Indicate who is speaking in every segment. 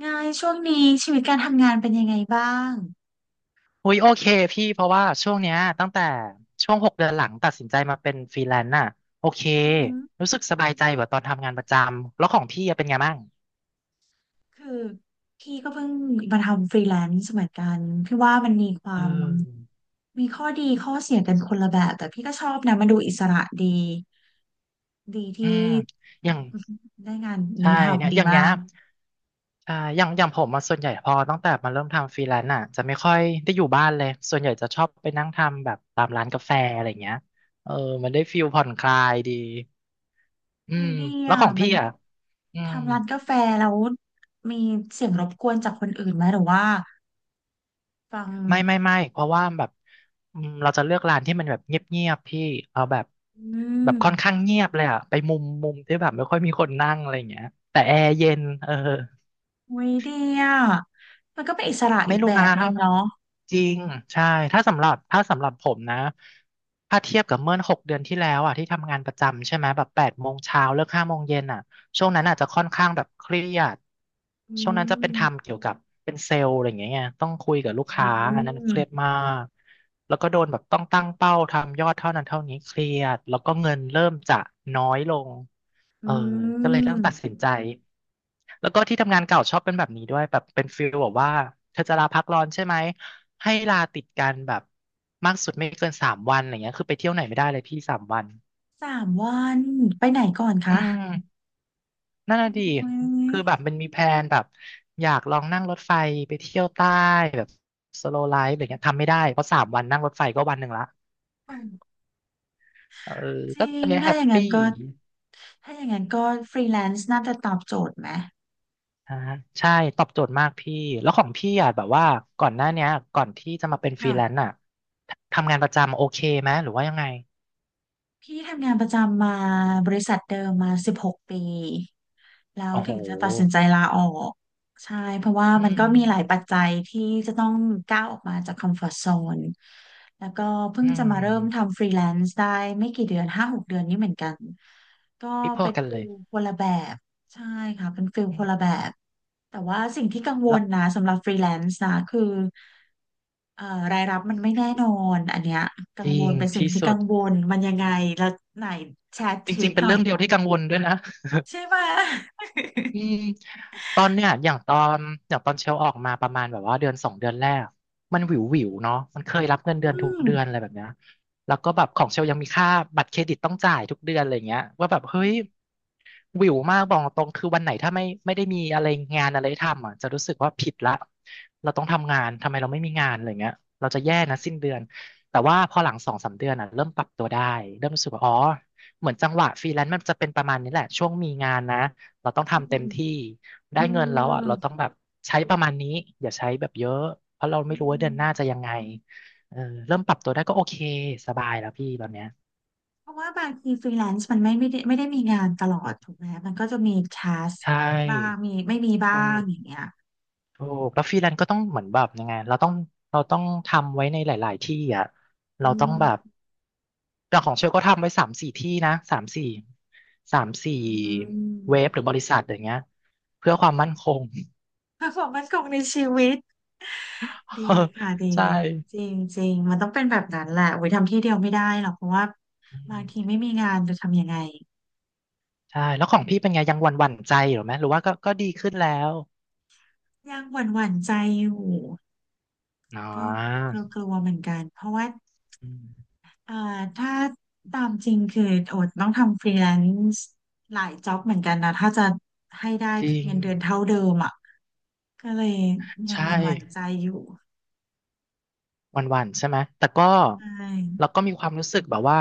Speaker 1: ไงช่วงนี้ชีวิตการทำงานเป็นยังไงบ้าง
Speaker 2: อุ้ยโอเคพี่เพราะว่าช่วงเนี้ยตั้งแต่ช่วงหกเดือนหลังตัดสินใจมาเป็นฟรีแลนซ์น่ะโอเค
Speaker 1: อือหือ
Speaker 2: รู้สึกสบายใจกว่าตอนทำงานประจำแล้วของพี่อะเป็นไงบ้าง
Speaker 1: คือพี่ก็เพิ่งมาทำฟรีแลนซ์เหมือนกันพี่ว่ามันมีค
Speaker 2: เอ
Speaker 1: วาม
Speaker 2: อ
Speaker 1: มีข้อดีข้อเสียกันคนละแบบแต่พี่ก็ชอบนะมันดูอิสระดีดี
Speaker 2: อื
Speaker 1: ที่
Speaker 2: มอย่าง
Speaker 1: อื้อหือได้งาน
Speaker 2: ใช่
Speaker 1: นี้
Speaker 2: เนี่ย
Speaker 1: ทำดี
Speaker 2: อย่างเนี้
Speaker 1: มา
Speaker 2: ย
Speaker 1: ก
Speaker 2: ใช่อย่างอย่างผมมาส่วนใหญ่พอตั้งแต่มาเริ่มทำฟรีแลนซ์น่ะจะไม่ค่อยได้อยู่บ้านเลยส่วนใหญ่จะชอบไปนั่งทำแบบตามร้านกาแฟอะไรเงี้ยเออมันได้ฟิลผ่อนคลายดีอื
Speaker 1: อุ้ย
Speaker 2: ม
Speaker 1: ดี
Speaker 2: แล้ว
Speaker 1: อ่ะ
Speaker 2: ของ
Speaker 1: มั
Speaker 2: พี่
Speaker 1: น
Speaker 2: อ่ะอืม
Speaker 1: ทำร้านกาแฟแล้วมีเสียงรบกวนจากคนอื่นไหมหรือว่าฟัง
Speaker 2: ไม่ไม่ไม่เพราะว่าแบบอืมเราจะเลือกร้านที่มันแบบเงียบๆพี่เอาแบบ
Speaker 1: อื
Speaker 2: แบบค่อนข้า
Speaker 1: ม
Speaker 2: งเงียบเลยอะไปมุมมุมที่แบบไม่ค่อยมีคนนั่งอะไรอย่างเงี้ยแต่แอร์เย็นเออ
Speaker 1: อุ้ยดีอ่ะมันก็เป็นอิสระ
Speaker 2: ไม่
Speaker 1: อีก
Speaker 2: รู้
Speaker 1: แบ
Speaker 2: นะ
Speaker 1: บนึ
Speaker 2: ถ้า
Speaker 1: งเนาะ
Speaker 2: จริงใช่ถ้าสำหรับผมนะถ้าเทียบกับเมื่อหกเดือนที่แล้วอ่ะที่ทำงานประจำใช่ไหมแบบ8 โมงเช้าเลิก5 โมงเย็นอ่ะช่วงนั้นอาจจะค่อนข้างแบบเครียด
Speaker 1: อื
Speaker 2: ช่วงนั้นจะเป็นทำ
Speaker 1: ม
Speaker 2: เกี่ยวกับเป็นเซลล์อะไรอย่างเงี้ยไงต้องคุยกับลูก
Speaker 1: อื
Speaker 2: ค้าอันนั้นเครียด
Speaker 1: ม
Speaker 2: มากแล้วก็โดนแบบต้องตั้งเป้าทำยอดเท่านั้นเท่านี้เครียดแล้วก็เงินเริ่มจะน้อยลง
Speaker 1: อื
Speaker 2: เออก็เลยต้องตัด
Speaker 1: ม
Speaker 2: สินใจ แล้วก็ที่ทำงานเก่าชอบเป็นแบบนี้ด้วยแบบเป็นฟีลแบบว่าเธอจะลาพักร้อนใช่ไหมให้ลาติดกันแบบมากสุดไม่เกินสามวันอย่างเงี้ยคือไปเที่ยวไหนไม่ได้เลยพี่สามวัน
Speaker 1: สามวันไปไหนก่อน
Speaker 2: อื
Speaker 1: คะ
Speaker 2: มนั่นน่ะดี
Speaker 1: โอ้ย
Speaker 2: คือแบบมันมีแพลนแบบอยากลองนั่งรถไฟไปเที่ยวใต้แบบสโลไลฟ์อะไรเงี้ยทำไม่ได้เพราะสามวันนั่งรถไฟก็วันหนึ่งละเออ
Speaker 1: จ
Speaker 2: ก็
Speaker 1: ริ
Speaker 2: ตอน
Speaker 1: ง
Speaker 2: เนี้ย
Speaker 1: ถ้า
Speaker 2: แฮ
Speaker 1: อ
Speaker 2: ป
Speaker 1: ย่างนั้
Speaker 2: ปี้
Speaker 1: นก็ถ้าอย่างนั้นก็ฟรีแลนซ์น่าจะตอบโจทย์ไหม
Speaker 2: อ่าใช่ตอบโจทย์มากพี่แล้วของพี่อ่ะแบบว่าก่อนหน้าเนี้ยก่อนที่จะมาเป็นฟรี
Speaker 1: ค่ะ
Speaker 2: แลนซ์อ่ะทำงานประจำโอเคไหมหรือว่ายังไง
Speaker 1: พี่ทำงานประจำมาบริษัทเดิมมา16 ปีแล้ว
Speaker 2: โอ้โห
Speaker 1: ถึงจะตัดสินใจลาออกใช่เพราะว่า
Speaker 2: อื
Speaker 1: มัน
Speaker 2: ม
Speaker 1: ก็มีหลายปัจจัยที่จะต้องก้าวออกมาจากคอมฟอร์ z โซนแล้วก็เพิ่
Speaker 2: อื
Speaker 1: งจะมาเริ่ม
Speaker 2: ม
Speaker 1: ทำฟรีแลนซ์ได้ไม่กี่เดือน5-6 เดือนนี้เหมือนกันก็
Speaker 2: พี่พอ
Speaker 1: เป็น
Speaker 2: กัน
Speaker 1: ฟิ
Speaker 2: เลย
Speaker 1: ลคนละแบบ ใช่ค่ะเป็นฟิล
Speaker 2: อื
Speaker 1: คนละแบ
Speaker 2: ม
Speaker 1: บแต่ว่าสิ่งที่กังว
Speaker 2: แล้
Speaker 1: ล
Speaker 2: ว
Speaker 1: นะสำหรับฟรีแลนซ์นะคือเอ่อรายรับมันไม่แน่นอนอันเนี้ยกั
Speaker 2: จ
Speaker 1: ง
Speaker 2: ริ
Speaker 1: ว
Speaker 2: ง
Speaker 1: ลเป็นสิ่ง
Speaker 2: ที่
Speaker 1: ที่
Speaker 2: สุ
Speaker 1: กั
Speaker 2: ด
Speaker 1: งวลมันยังไงแล้วไหนแชร์ท
Speaker 2: จ
Speaker 1: ริ
Speaker 2: ริ
Speaker 1: ป
Speaker 2: งๆเป็
Speaker 1: ห
Speaker 2: น
Speaker 1: น่อย
Speaker 2: เรื่องเดียวที่กังวลด้วยนะ
Speaker 1: ใช่ไหม
Speaker 2: อืมตอนเนี้ยอย่างตอนเชลออกมาประมาณแบบว่าเดือน2 เดือนแรกมันวิววิวเนาะมันเคยรับเงิ
Speaker 1: อื
Speaker 2: นเดือนทุก
Speaker 1: ม
Speaker 2: เดือนอะไรแบบเนี้ยแล้วก็แบบของเชลยังมีค่าบัตรเครดิตต้องจ่ายทุกเดือนอะไรเงี้ยว่าแบบเฮ้ยวิวมากบอกตรงคือวันไหนถ้าไม่ได้มีอะไรงานอะไรทำอ่ะจะรู้สึกว่าผิดละเราต้องทำงานทำไมเราไม่มีงานอะไรเงี้ยเราจะแย่นะสิ้นเดือนแต่ว่าพอหลัง2-3 เดือนอ่ะเริ่มปรับตัวได้เริ่มรู้สึกว่าอ๋อเหมือนจังหวะฟรีแลนซ์มันจะเป็นประมาณนี้แหละช่วงมีงานนะ เราต้อง
Speaker 1: อื
Speaker 2: ทำเต็ม
Speaker 1: ม
Speaker 2: ที่ได้
Speaker 1: อื
Speaker 2: เงินแล้วอ่ะ
Speaker 1: ม
Speaker 2: เราต้องแบบใช้ประมาณนี้อย่าใช้แบบเยอะเพราะเรา
Speaker 1: อื
Speaker 2: ไม่รู้ว่าเดือ
Speaker 1: ม
Speaker 2: นหน้าจะยังไงเออเริ่มปรับตัวได้ก็โอเคสบายแล้วพี่ตอนเนี้ย
Speaker 1: เพราะว่าบางทีฟรีแลนซ์มันไม่ได้มีงานตลอดถูกไหมมันก็จะมีทัส
Speaker 2: ใช
Speaker 1: บ้าง
Speaker 2: ่
Speaker 1: มีไม่มีบ้า
Speaker 2: ถู
Speaker 1: ง
Speaker 2: ก
Speaker 1: อย่างเงี้ย
Speaker 2: ถูกแล้วฟรีแลนซ์ก็ต้องเหมือนแบบยังไงเราต้องเราต้องทำไว้ในหลายๆที่อ่ะ
Speaker 1: อื
Speaker 2: เราต้องแบบ
Speaker 1: ม
Speaker 2: อย่างของเชลก็ทำไว้สามสี่ที่นะสามสี่สามสี่
Speaker 1: อืม
Speaker 2: เว็บหรือบริษัทอย่างเงี้ยเพื่อความมั่นคง
Speaker 1: performance ของในชีวิต ดีค่ะดี
Speaker 2: ใช
Speaker 1: จ
Speaker 2: ่
Speaker 1: ริงจริงมันต้องเป็นแบบนั้นแหละโอ้ยทำที่เดียวไม่ได้หรอกเพราะว่า
Speaker 2: อื
Speaker 1: บางที
Speaker 2: ม
Speaker 1: ไม่มีงานจะทำยังไง
Speaker 2: ใช่แล้วของพี่เป็นไงยังหวั่นหวั่นใจอยู่ไหมหรือว่าก็ก็ดีขึ้นแล้ว
Speaker 1: ยังหวั่นหวั่นใจอยู่
Speaker 2: อ๋อ
Speaker 1: ก็กลัวกลัวเหมือนกันเพราะว่า
Speaker 2: อืม
Speaker 1: เอ่อถ้าตามจริงคือโอดต้องทำฟรีแลนซ์หลายจ็อบเหมือนกันนะถ้าจะให้ได้
Speaker 2: จริง
Speaker 1: เงินเดือนเท่าเดิมอ่ะก็เลยยัง
Speaker 2: ใช่
Speaker 1: หวั่นหวั่นใจอยู่
Speaker 2: หวั่นหวั่นใช่ไหมแต่ก็
Speaker 1: ใช่
Speaker 2: เราก็มีความรู้สึกแบบว่า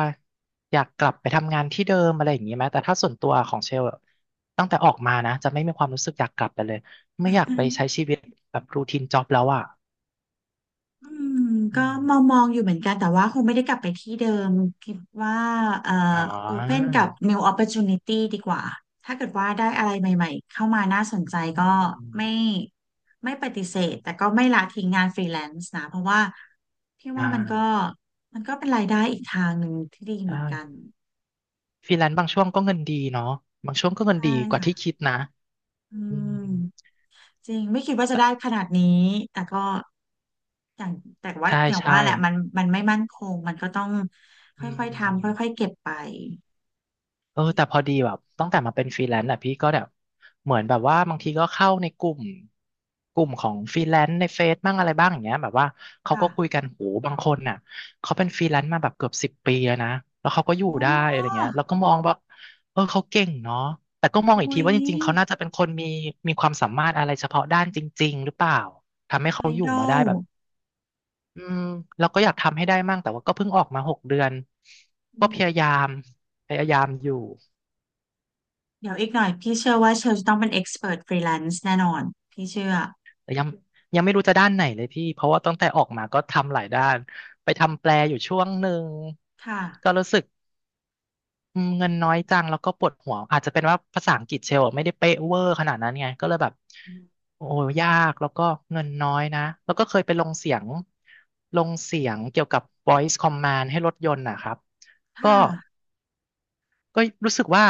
Speaker 2: อยากกลับไปทำงานที่เดิมอะไรอย่างนี้ไหมแต่ถ้าส่วนตัวของเชลอะตั้งแต่ออกมานะจะไม่มีความรู้สึกอยากกลับไปเลยไม่อยากไปใช้ชีวิตแบบรูทีนจ็อบแล้วอ่ะ
Speaker 1: อืม
Speaker 2: อื
Speaker 1: ก็
Speaker 2: ม
Speaker 1: มองอยู่เหมือนกันแต่ว่าคงไม่ได้กลับไปที่เดิมคิดว่าเอ่อ
Speaker 2: อ๋อ
Speaker 1: open กับ new opportunity ดีกว่าถ้าเกิดว่าได้อะไรใหม่ๆเข้ามาน่าสนใจ
Speaker 2: อื
Speaker 1: ก็
Speaker 2: ม
Speaker 1: ไม่ไม่ปฏิเสธแต่ก็ไม่ละทิ้งงานฟรีแลนซ์นะเพราะว่าพี่
Speaker 2: อ่
Speaker 1: ว่า
Speaker 2: า
Speaker 1: มันก็เป็นรายได้อีกทางหนึ่งที่ดีเหมื
Speaker 2: ใช่
Speaker 1: อนกัน
Speaker 2: ฟรีแลนซ์บางช่วงก็เงินดีเนาะบางช่วงก็เงิน
Speaker 1: ใช่
Speaker 2: ดีกว่า
Speaker 1: ค่ะ
Speaker 2: ที่คิดนะ
Speaker 1: อื
Speaker 2: อื
Speaker 1: ม
Speaker 2: ม
Speaker 1: จริงไม่คิดว่าจะได้ขนาดนี้แต่ก็อย่างแต่ว่า
Speaker 2: ใช่
Speaker 1: อย่าง
Speaker 2: ใช่
Speaker 1: ว่าแหละมันไม่มั่นคงมันก็ต้องค
Speaker 2: อื
Speaker 1: ่อยๆทำ
Speaker 2: ม
Speaker 1: ค่อยๆเก็บไป
Speaker 2: เออแต่พอดีแบบตั้งแต่มาเป็นฟรีแลนซ์อ่ะพี่ก็แบบเหมือนแบบว่าบางทีก็เข้าในกลุ่มกลุ่มของฟรีแลนซ์ในเฟซบ้างอะไรบ้างอย่างเงี้ยแบบว่าเขา
Speaker 1: ค่ะ
Speaker 2: ก็คุยกันโหบางคนน่ะเขาเป็นฟรีแลนซ์มาแบบเกือบ10 ปีแล้วนะแล้วเขาก็อยู่
Speaker 1: โอ้
Speaker 2: ได้อะไรเงี้ยแล้วก็มองแบบเออเขาเก่งเนาะแต่ก็มองอีก
Speaker 1: อุ๊
Speaker 2: ที
Speaker 1: ย
Speaker 2: ว่าจริงๆเขาน่าจะเป็นคนมีมีความสามารถอะไรเฉพาะด้านจริงๆหรือเปล่าทำให้
Speaker 1: ไอ
Speaker 2: เขาอยู่
Speaker 1: ดอ
Speaker 2: มาได้
Speaker 1: ล
Speaker 2: แบบ อืมเราก็อยากทำให้ได้มั่งแต่ว่าก็เพิ่งออกมา6 เดือนก็
Speaker 1: อื
Speaker 2: พ
Speaker 1: ม
Speaker 2: ยายามอยู่
Speaker 1: เดี๋ยวอีกหน่อยพี่เชื่อว่าเชลจะต้องเป็นเอ็กซ์เพรสฟรีแลนซ์แน่นอนพี่เชื่อ
Speaker 2: แต่ยังไม่รู้จะด้านไหนเลยพี่เพราะว่าตั้งแต่ออกมาก็ทำหลายด้านไปทำแปลอยู่ช่วงหนึ่ง
Speaker 1: ค่ะ
Speaker 2: ก็รู้สึกเงินน้อยจังแล้วก็ปวดหัวอาจจะเป็นว่าภาษาอังกฤษเชลอะไม่ได้เป๊ะเวอร์ขนาดนั้นไงก็เลยแบบ
Speaker 1: อืม
Speaker 2: โอ้ยากแล้วก็เงินน้อยนะแล้วก็เคยไปลงเสียงลงเสียงเกี่ยวกับ voice command ให้รถยนต์นะครับก็
Speaker 1: ค่ะ
Speaker 2: ก็รู้สึกว่า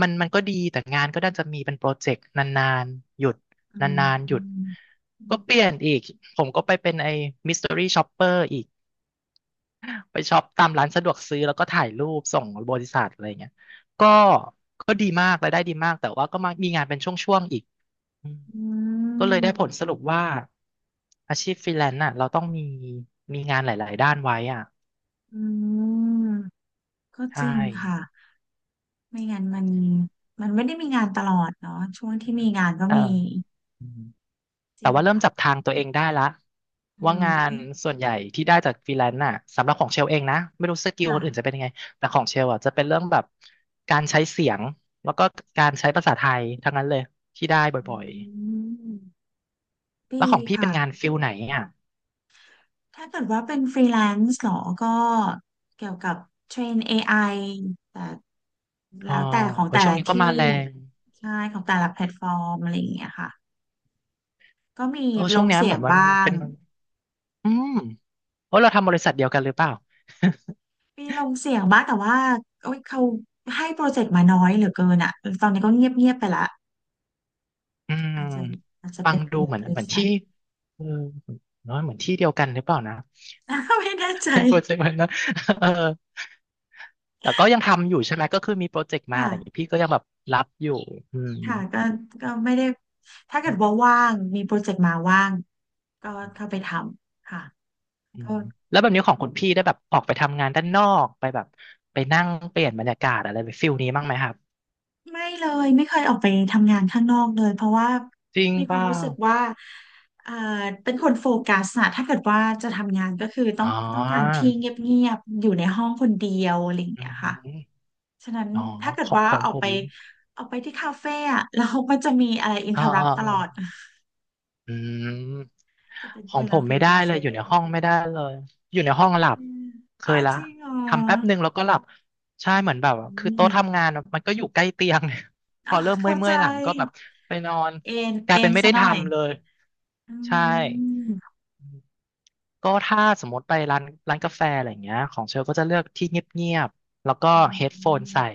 Speaker 2: มันก็ดีแต่งานก็น่าจะมีเป็นโปรเจกต์นานๆหยุด
Speaker 1: อื
Speaker 2: น
Speaker 1: ม
Speaker 2: านๆห
Speaker 1: อื
Speaker 2: ยุด
Speaker 1: ม
Speaker 2: ก็เปลี่ยนอีกผมก็ไปเป็นไอ้มิส t ต r y ี่ช็อปเปอร์อีกไปช็อปตามร้านสะดวกซื้อแล้วก็ถ่ายรูปส่งบริษัทอะไรเงี้ยก็ก็ดีมากรายได้ดีมากแต่ว่าก็มามีงานเป็นช่วงๆอีกอืม
Speaker 1: อื
Speaker 2: ก็เลย
Speaker 1: ม
Speaker 2: ได้ผลสรุปว่าอาชีพฟรีแลนซ์น่ะเราต้องมีมีงานหลายๆด้านไว้อ่ะ
Speaker 1: อืมก็จ
Speaker 2: ใช่
Speaker 1: ริงค่ะ ไม่งั้นมันไม่ได้มีงานตลอดเนาะช่วงที่มีงานก็
Speaker 2: แต่
Speaker 1: มีจ
Speaker 2: แต่
Speaker 1: ริง
Speaker 2: ว่าเริ่ม
Speaker 1: ค่ะ
Speaker 2: จับทางตัวเองได้ละ
Speaker 1: อื
Speaker 2: ว่างาน
Speaker 1: ม
Speaker 2: ส่วนใหญ่ที่ได้จากฟรีแลนซ์น่ะสำหรับของเชลเองนะไม่รู้สกิล
Speaker 1: ค่ะ
Speaker 2: คนอื่นจะเป็นยังไงแต่ของเชลอ่ะจะเป็นเรื่องแบบการใช้เสียงแล้วก็การใช้ภาษาไทยทั้งนั้นเลยที่ได้
Speaker 1: อ
Speaker 2: บ่อย
Speaker 1: ืม
Speaker 2: ๆ
Speaker 1: พี
Speaker 2: แล้วของพี่เป็
Speaker 1: ค่ะ
Speaker 2: นงานฟิลไหนอ่ะ
Speaker 1: ถ้าเกิดว่าเป็นฟรีแลนซ์เหรอก็เกี่ยวกับเทรนเอไอแต่
Speaker 2: อ๋อ
Speaker 1: แล้วแต่ของ
Speaker 2: โอ้ย
Speaker 1: แต่
Speaker 2: ช่วง
Speaker 1: ละ
Speaker 2: นี้ก็
Speaker 1: ที่
Speaker 2: มาแรง
Speaker 1: ใช่ของแต่ละแพลตฟอร์มอะไรอย่างเงี้ยค่ะก็
Speaker 2: เออ
Speaker 1: ล
Speaker 2: ช่วง
Speaker 1: ง
Speaker 2: เนี้ย
Speaker 1: เสี
Speaker 2: เห
Speaker 1: ย
Speaker 2: มือ
Speaker 1: ง
Speaker 2: นมัน
Speaker 1: บ้าง
Speaker 2: เป็นอืมโอ้ยเราทำบริษัทเดียวกันหรือเปล่า
Speaker 1: มีลงเสียงบ้างแต่ว่าโอ๊ยเขาให้โปรเจกต์มาน้อยเหลือเกินอ่ะตอนนี้ก็เงียบเงียบไปละ
Speaker 2: อืม
Speaker 1: อาจจะอาจจะ
Speaker 2: ฟั
Speaker 1: เป็
Speaker 2: ง
Speaker 1: น
Speaker 2: ดู
Speaker 1: เรือ
Speaker 2: เหมือ
Speaker 1: บ
Speaker 2: น
Speaker 1: ริ
Speaker 2: เหมือน
Speaker 1: ษัท
Speaker 2: ที่เออเนอะเหมือนที่เดียวกันหรือเปล่านะ
Speaker 1: ไม่แน่ใจ
Speaker 2: ให้โปรเจกต์มันนะ เออแต่ก็ยังทำอยู่ใช่ไหม ก็คือมีโปรเจกต์มา
Speaker 1: ค่ะ
Speaker 2: อะไรอย่างงี้พี่ก็ยังแบบรับอยู่ อืม
Speaker 1: ค่ะก็ไม่ได้ถ้าเกิดว่าว่างมีโปรเจกต์มาว่างก็เข้าไปทำค่ะ
Speaker 2: อื
Speaker 1: ก็
Speaker 2: ม แล้วแบบนี้ของคุณพี่ได้แบบออกไปทำงานด้านนอกไปแบบไปนั่งเปลี่ยนบรรยากาศอะไรไปฟิลนี้บ้างไหมครับ
Speaker 1: ไม่เลยไม่เคยออกไปทำงานข้างนอกเลยเพราะว่า
Speaker 2: จริง
Speaker 1: มีค
Speaker 2: เป
Speaker 1: วาม
Speaker 2: ล่า
Speaker 1: รู้สึกว่าเอ่อเป็นคนโฟกัสนะถ้าเกิดว่าจะทำงานก็คือ
Speaker 2: อ๋อ
Speaker 1: ต้องการที่เงียบๆอยู่ในห้องคนเดียวอะไรอย่าง
Speaker 2: อื
Speaker 1: เงี้ยค่ะ
Speaker 2: ม
Speaker 1: ฉะนั้น
Speaker 2: อ๋อ
Speaker 1: ถ้าเกิด
Speaker 2: ของ
Speaker 1: ว่า
Speaker 2: ของผม
Speaker 1: ออกไปที่คาเฟ่อะ แล้วมันก็จะมีอะไรอินเท
Speaker 2: อ่า
Speaker 1: อร์รัป
Speaker 2: อ่า
Speaker 1: ตลอด
Speaker 2: อืม
Speaker 1: จะเป็น
Speaker 2: ข
Speaker 1: ค
Speaker 2: อง
Speaker 1: น
Speaker 2: ผ
Speaker 1: ละ
Speaker 2: ม
Speaker 1: ฟิ
Speaker 2: ไม่
Speaker 1: ล
Speaker 2: ได้
Speaker 1: กับเช
Speaker 2: เลยอยู่
Speaker 1: ล
Speaker 2: ในห้องไม่ได้เลยอยู่ในห้องหลับ
Speaker 1: อืม
Speaker 2: เค
Speaker 1: อ๋อ
Speaker 2: ยละ
Speaker 1: จริงเหรอ
Speaker 2: ทำแป๊บหนึ่งแล้วก็หลับใช่
Speaker 1: อื
Speaker 2: เหมือนแบบคือโต๊ะ
Speaker 1: ม
Speaker 2: ทำงานอะมันก็อยู่ใกล้เตียง พ
Speaker 1: อ๋อ
Speaker 2: อเริ่ม
Speaker 1: เข้า
Speaker 2: เมื่
Speaker 1: ใจ
Speaker 2: อยๆหลังก็แบบไปนอนกลาย
Speaker 1: เอ็
Speaker 2: เป็
Speaker 1: น
Speaker 2: นไม่
Speaker 1: ซะ
Speaker 2: ได้
Speaker 1: หน่อย
Speaker 2: ทำเลย
Speaker 1: อื
Speaker 2: ใช่
Speaker 1: ม
Speaker 2: ก็ถ้าสมมติไปร้านกาแฟอะไรอย่างเงี้ยของเชลก็จะเลือกที่เงียบๆแล้วก็
Speaker 1: อื
Speaker 2: เฮดโฟนใส่
Speaker 1: ม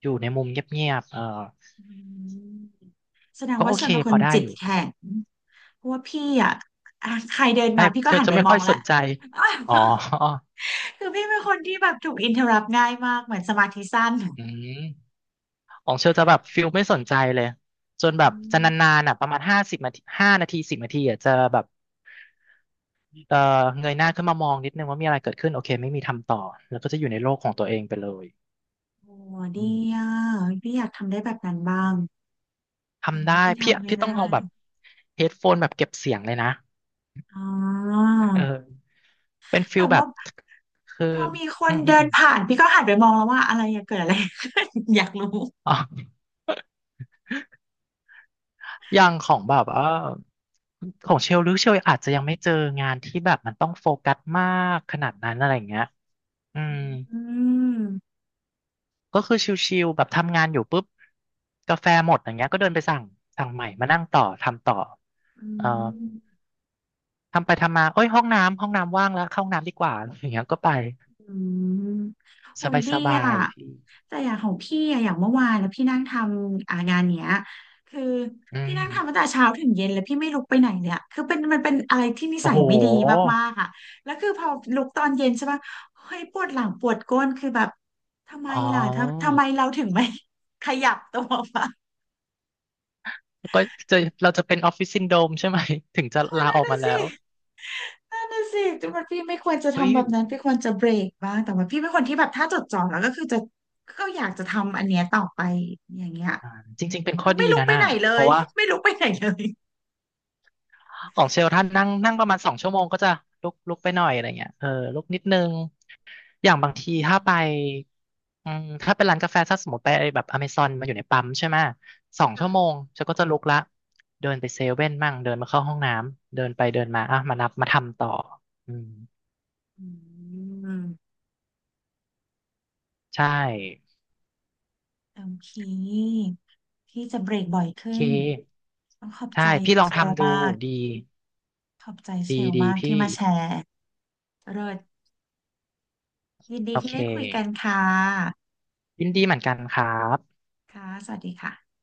Speaker 2: อยู่ในมุมเงียบๆเออ
Speaker 1: อืมแสดง
Speaker 2: ก็
Speaker 1: ว่า
Speaker 2: โอ
Speaker 1: เช
Speaker 2: เค
Speaker 1: ลเป็นค
Speaker 2: พ
Speaker 1: น
Speaker 2: อได้
Speaker 1: จิต
Speaker 2: อยู่
Speaker 1: แข็ง เพราะว่าพี่อะอ่ะใครเดิน
Speaker 2: ใช่
Speaker 1: มาพี่ก็
Speaker 2: เชล
Speaker 1: หัน
Speaker 2: จะ
Speaker 1: ไป
Speaker 2: ไม่
Speaker 1: มอ
Speaker 2: ค่อ
Speaker 1: ง
Speaker 2: ยส
Speaker 1: แล้ว
Speaker 2: นใจอ๋อ
Speaker 1: คือพี่เป็นคนที่แบบถูกอินเทอร์รัปง่ายมากเหมือนสมาธิสั้น
Speaker 2: อืมของเชลจะแบบฟิลไม่สนใจเลยจนแบ
Speaker 1: อื
Speaker 2: บจะนา
Speaker 1: ม
Speaker 2: นๆอ่ะประมาณ50 นาที5 นาทีสิบนาทีอ่ะจะแบบเออเงยหน้าขึ้นมามองนิดนึงว่ามีอะไรเกิดขึ้นโอเคไม่มีทำต่อแล้วก็จะอยู่ในโลกของตัวเองไปเลย
Speaker 1: โอ้
Speaker 2: อื
Speaker 1: ดี
Speaker 2: ม
Speaker 1: อ่ะพี่อยากทำได้แบบนั้นบ้างแต่
Speaker 2: ทำได้
Speaker 1: ว่าพี่
Speaker 2: พี่
Speaker 1: ทำไม่
Speaker 2: พี่ต้
Speaker 1: ได้
Speaker 2: องเอาแบบเฮดโฟนแบบเก็บเสียงเลยนะ
Speaker 1: อ๋อ
Speaker 2: เออเป็นฟิ
Speaker 1: แต่
Speaker 2: ลแบ
Speaker 1: ว่า
Speaker 2: บคือ
Speaker 1: พอมีค
Speaker 2: อื
Speaker 1: น
Speaker 2: มอืม
Speaker 1: เดิ
Speaker 2: อ
Speaker 1: น
Speaker 2: ม
Speaker 1: ผ่านพี่ก็หันไปมองแล้วว่าอะไรอะเกิดอะไร ขึ้น อยากรู้
Speaker 2: อ๋อ อย่างของแบบเออของเชลหรือเชลอาจจะยังไม่เจองานที่แบบมันต้องโฟกัสมากขนาดนั้นอะไรอย่างเงี้ยอืม
Speaker 1: อืม
Speaker 2: ก็คือชิลๆแบบทำงานอยู่ปุ๊บกาแฟหมดอย่างเงี้ยก็เดินไปสั่งใหม่มานั่งต่อทำต่อ
Speaker 1: อื
Speaker 2: เอ่อ
Speaker 1: ม
Speaker 2: ทำไปทำมาเอ้ยห้องน้ำห้องน้ำว่างแล้วเข้าห้องน้ำดีกว่าอย่างเงี้ยก็ไป
Speaker 1: อืมโอ้ยดี
Speaker 2: สบา
Speaker 1: อ่ะ
Speaker 2: ยๆพี่
Speaker 1: แต่อย่างของพี่อะอย่างเมื่อวานแล้วพี่นั่งทำอ่างานเนี้ยคือ
Speaker 2: อื
Speaker 1: พี่
Speaker 2: ม
Speaker 1: นั่งทำตั้งแต่เช้าถึงเย็นแล้วพี่ไม่ลุกไปไหนเลยอะคือเป็นมันเป็นอะไรที่นิ
Speaker 2: โอ้
Speaker 1: สัย
Speaker 2: โห
Speaker 1: ไม่ดีมากๆอ่ะแล้วคือพอลุกตอนเย็นใช่ปะเฮ้ยปวดหลังปวดก้นคือแบบทำไม
Speaker 2: อ๋อ
Speaker 1: ล่ะทำไมเราถึงไม่ ขยับตัวไป
Speaker 2: ก็จะเราจะเป็นออฟฟิศซินโดรมใช่ไหม ถึงจะ
Speaker 1: นั่
Speaker 2: ลาอ
Speaker 1: น
Speaker 2: อก
Speaker 1: น่ะ
Speaker 2: มาแล้
Speaker 1: สิ
Speaker 2: ว
Speaker 1: นั่นน่ะสิแต่มันพี่ไม่ควรจะ
Speaker 2: เฮ้ย
Speaker 1: ทำแบบนั้นพี่ควรจะเบรกบ้างแต่ว่าพี่เป็นคนที่แบบถ้าจดจ่อแล้วก็คือจะก็อยากจะทำอันเนี้ยต่อไป อย่างเงี้ย
Speaker 2: อ่าจริงๆเป็นข้
Speaker 1: ก็
Speaker 2: อ
Speaker 1: ไม่
Speaker 2: ดี
Speaker 1: ลุก
Speaker 2: นะ
Speaker 1: ไป
Speaker 2: น่ะ
Speaker 1: ไหนเล
Speaker 2: เพ
Speaker 1: ย
Speaker 2: ราะว่า
Speaker 1: ไม่ลุกไปไหนเลย
Speaker 2: ของเชลท่านนั่งนั่งประมาณสองชั่วโมงก็จะลุกไปหน่อยอะไรเงี้ยเออลุกนิดนึง อย่างบางทีถ้าไปอืมถ้าเป็นร้านกาแฟถ้าสมมติไปแบบอเมซอนมาอยู่ในปั๊มใช่ไหมสอง
Speaker 1: ค่ะ
Speaker 2: ชั่วโมงเชลก็จะลุกละเดินไปเซเว่นมั่งเดินมาเข้าห้องน้ำเดินไปเดินมาอ่ะมานับมาทำต่ออืม
Speaker 1: อืม
Speaker 2: ใช่
Speaker 1: โอเคพี่จะเบรกบ่อย
Speaker 2: โอ
Speaker 1: ขึ้
Speaker 2: เค
Speaker 1: นต้องขอบใจ
Speaker 2: ใช่พี่ลอง
Speaker 1: เชล
Speaker 2: ทำดู
Speaker 1: มาก
Speaker 2: ดี
Speaker 1: ขอบใจเช
Speaker 2: ดี
Speaker 1: ล
Speaker 2: ดี
Speaker 1: มากที่
Speaker 2: พี่
Speaker 1: มาแชร์เลิศยินดี
Speaker 2: โอ
Speaker 1: ที่
Speaker 2: เค
Speaker 1: ได้คุยกันค่ะ
Speaker 2: ยินดีเหมือนกันครับ
Speaker 1: ค่ะสวัสดีค่ะ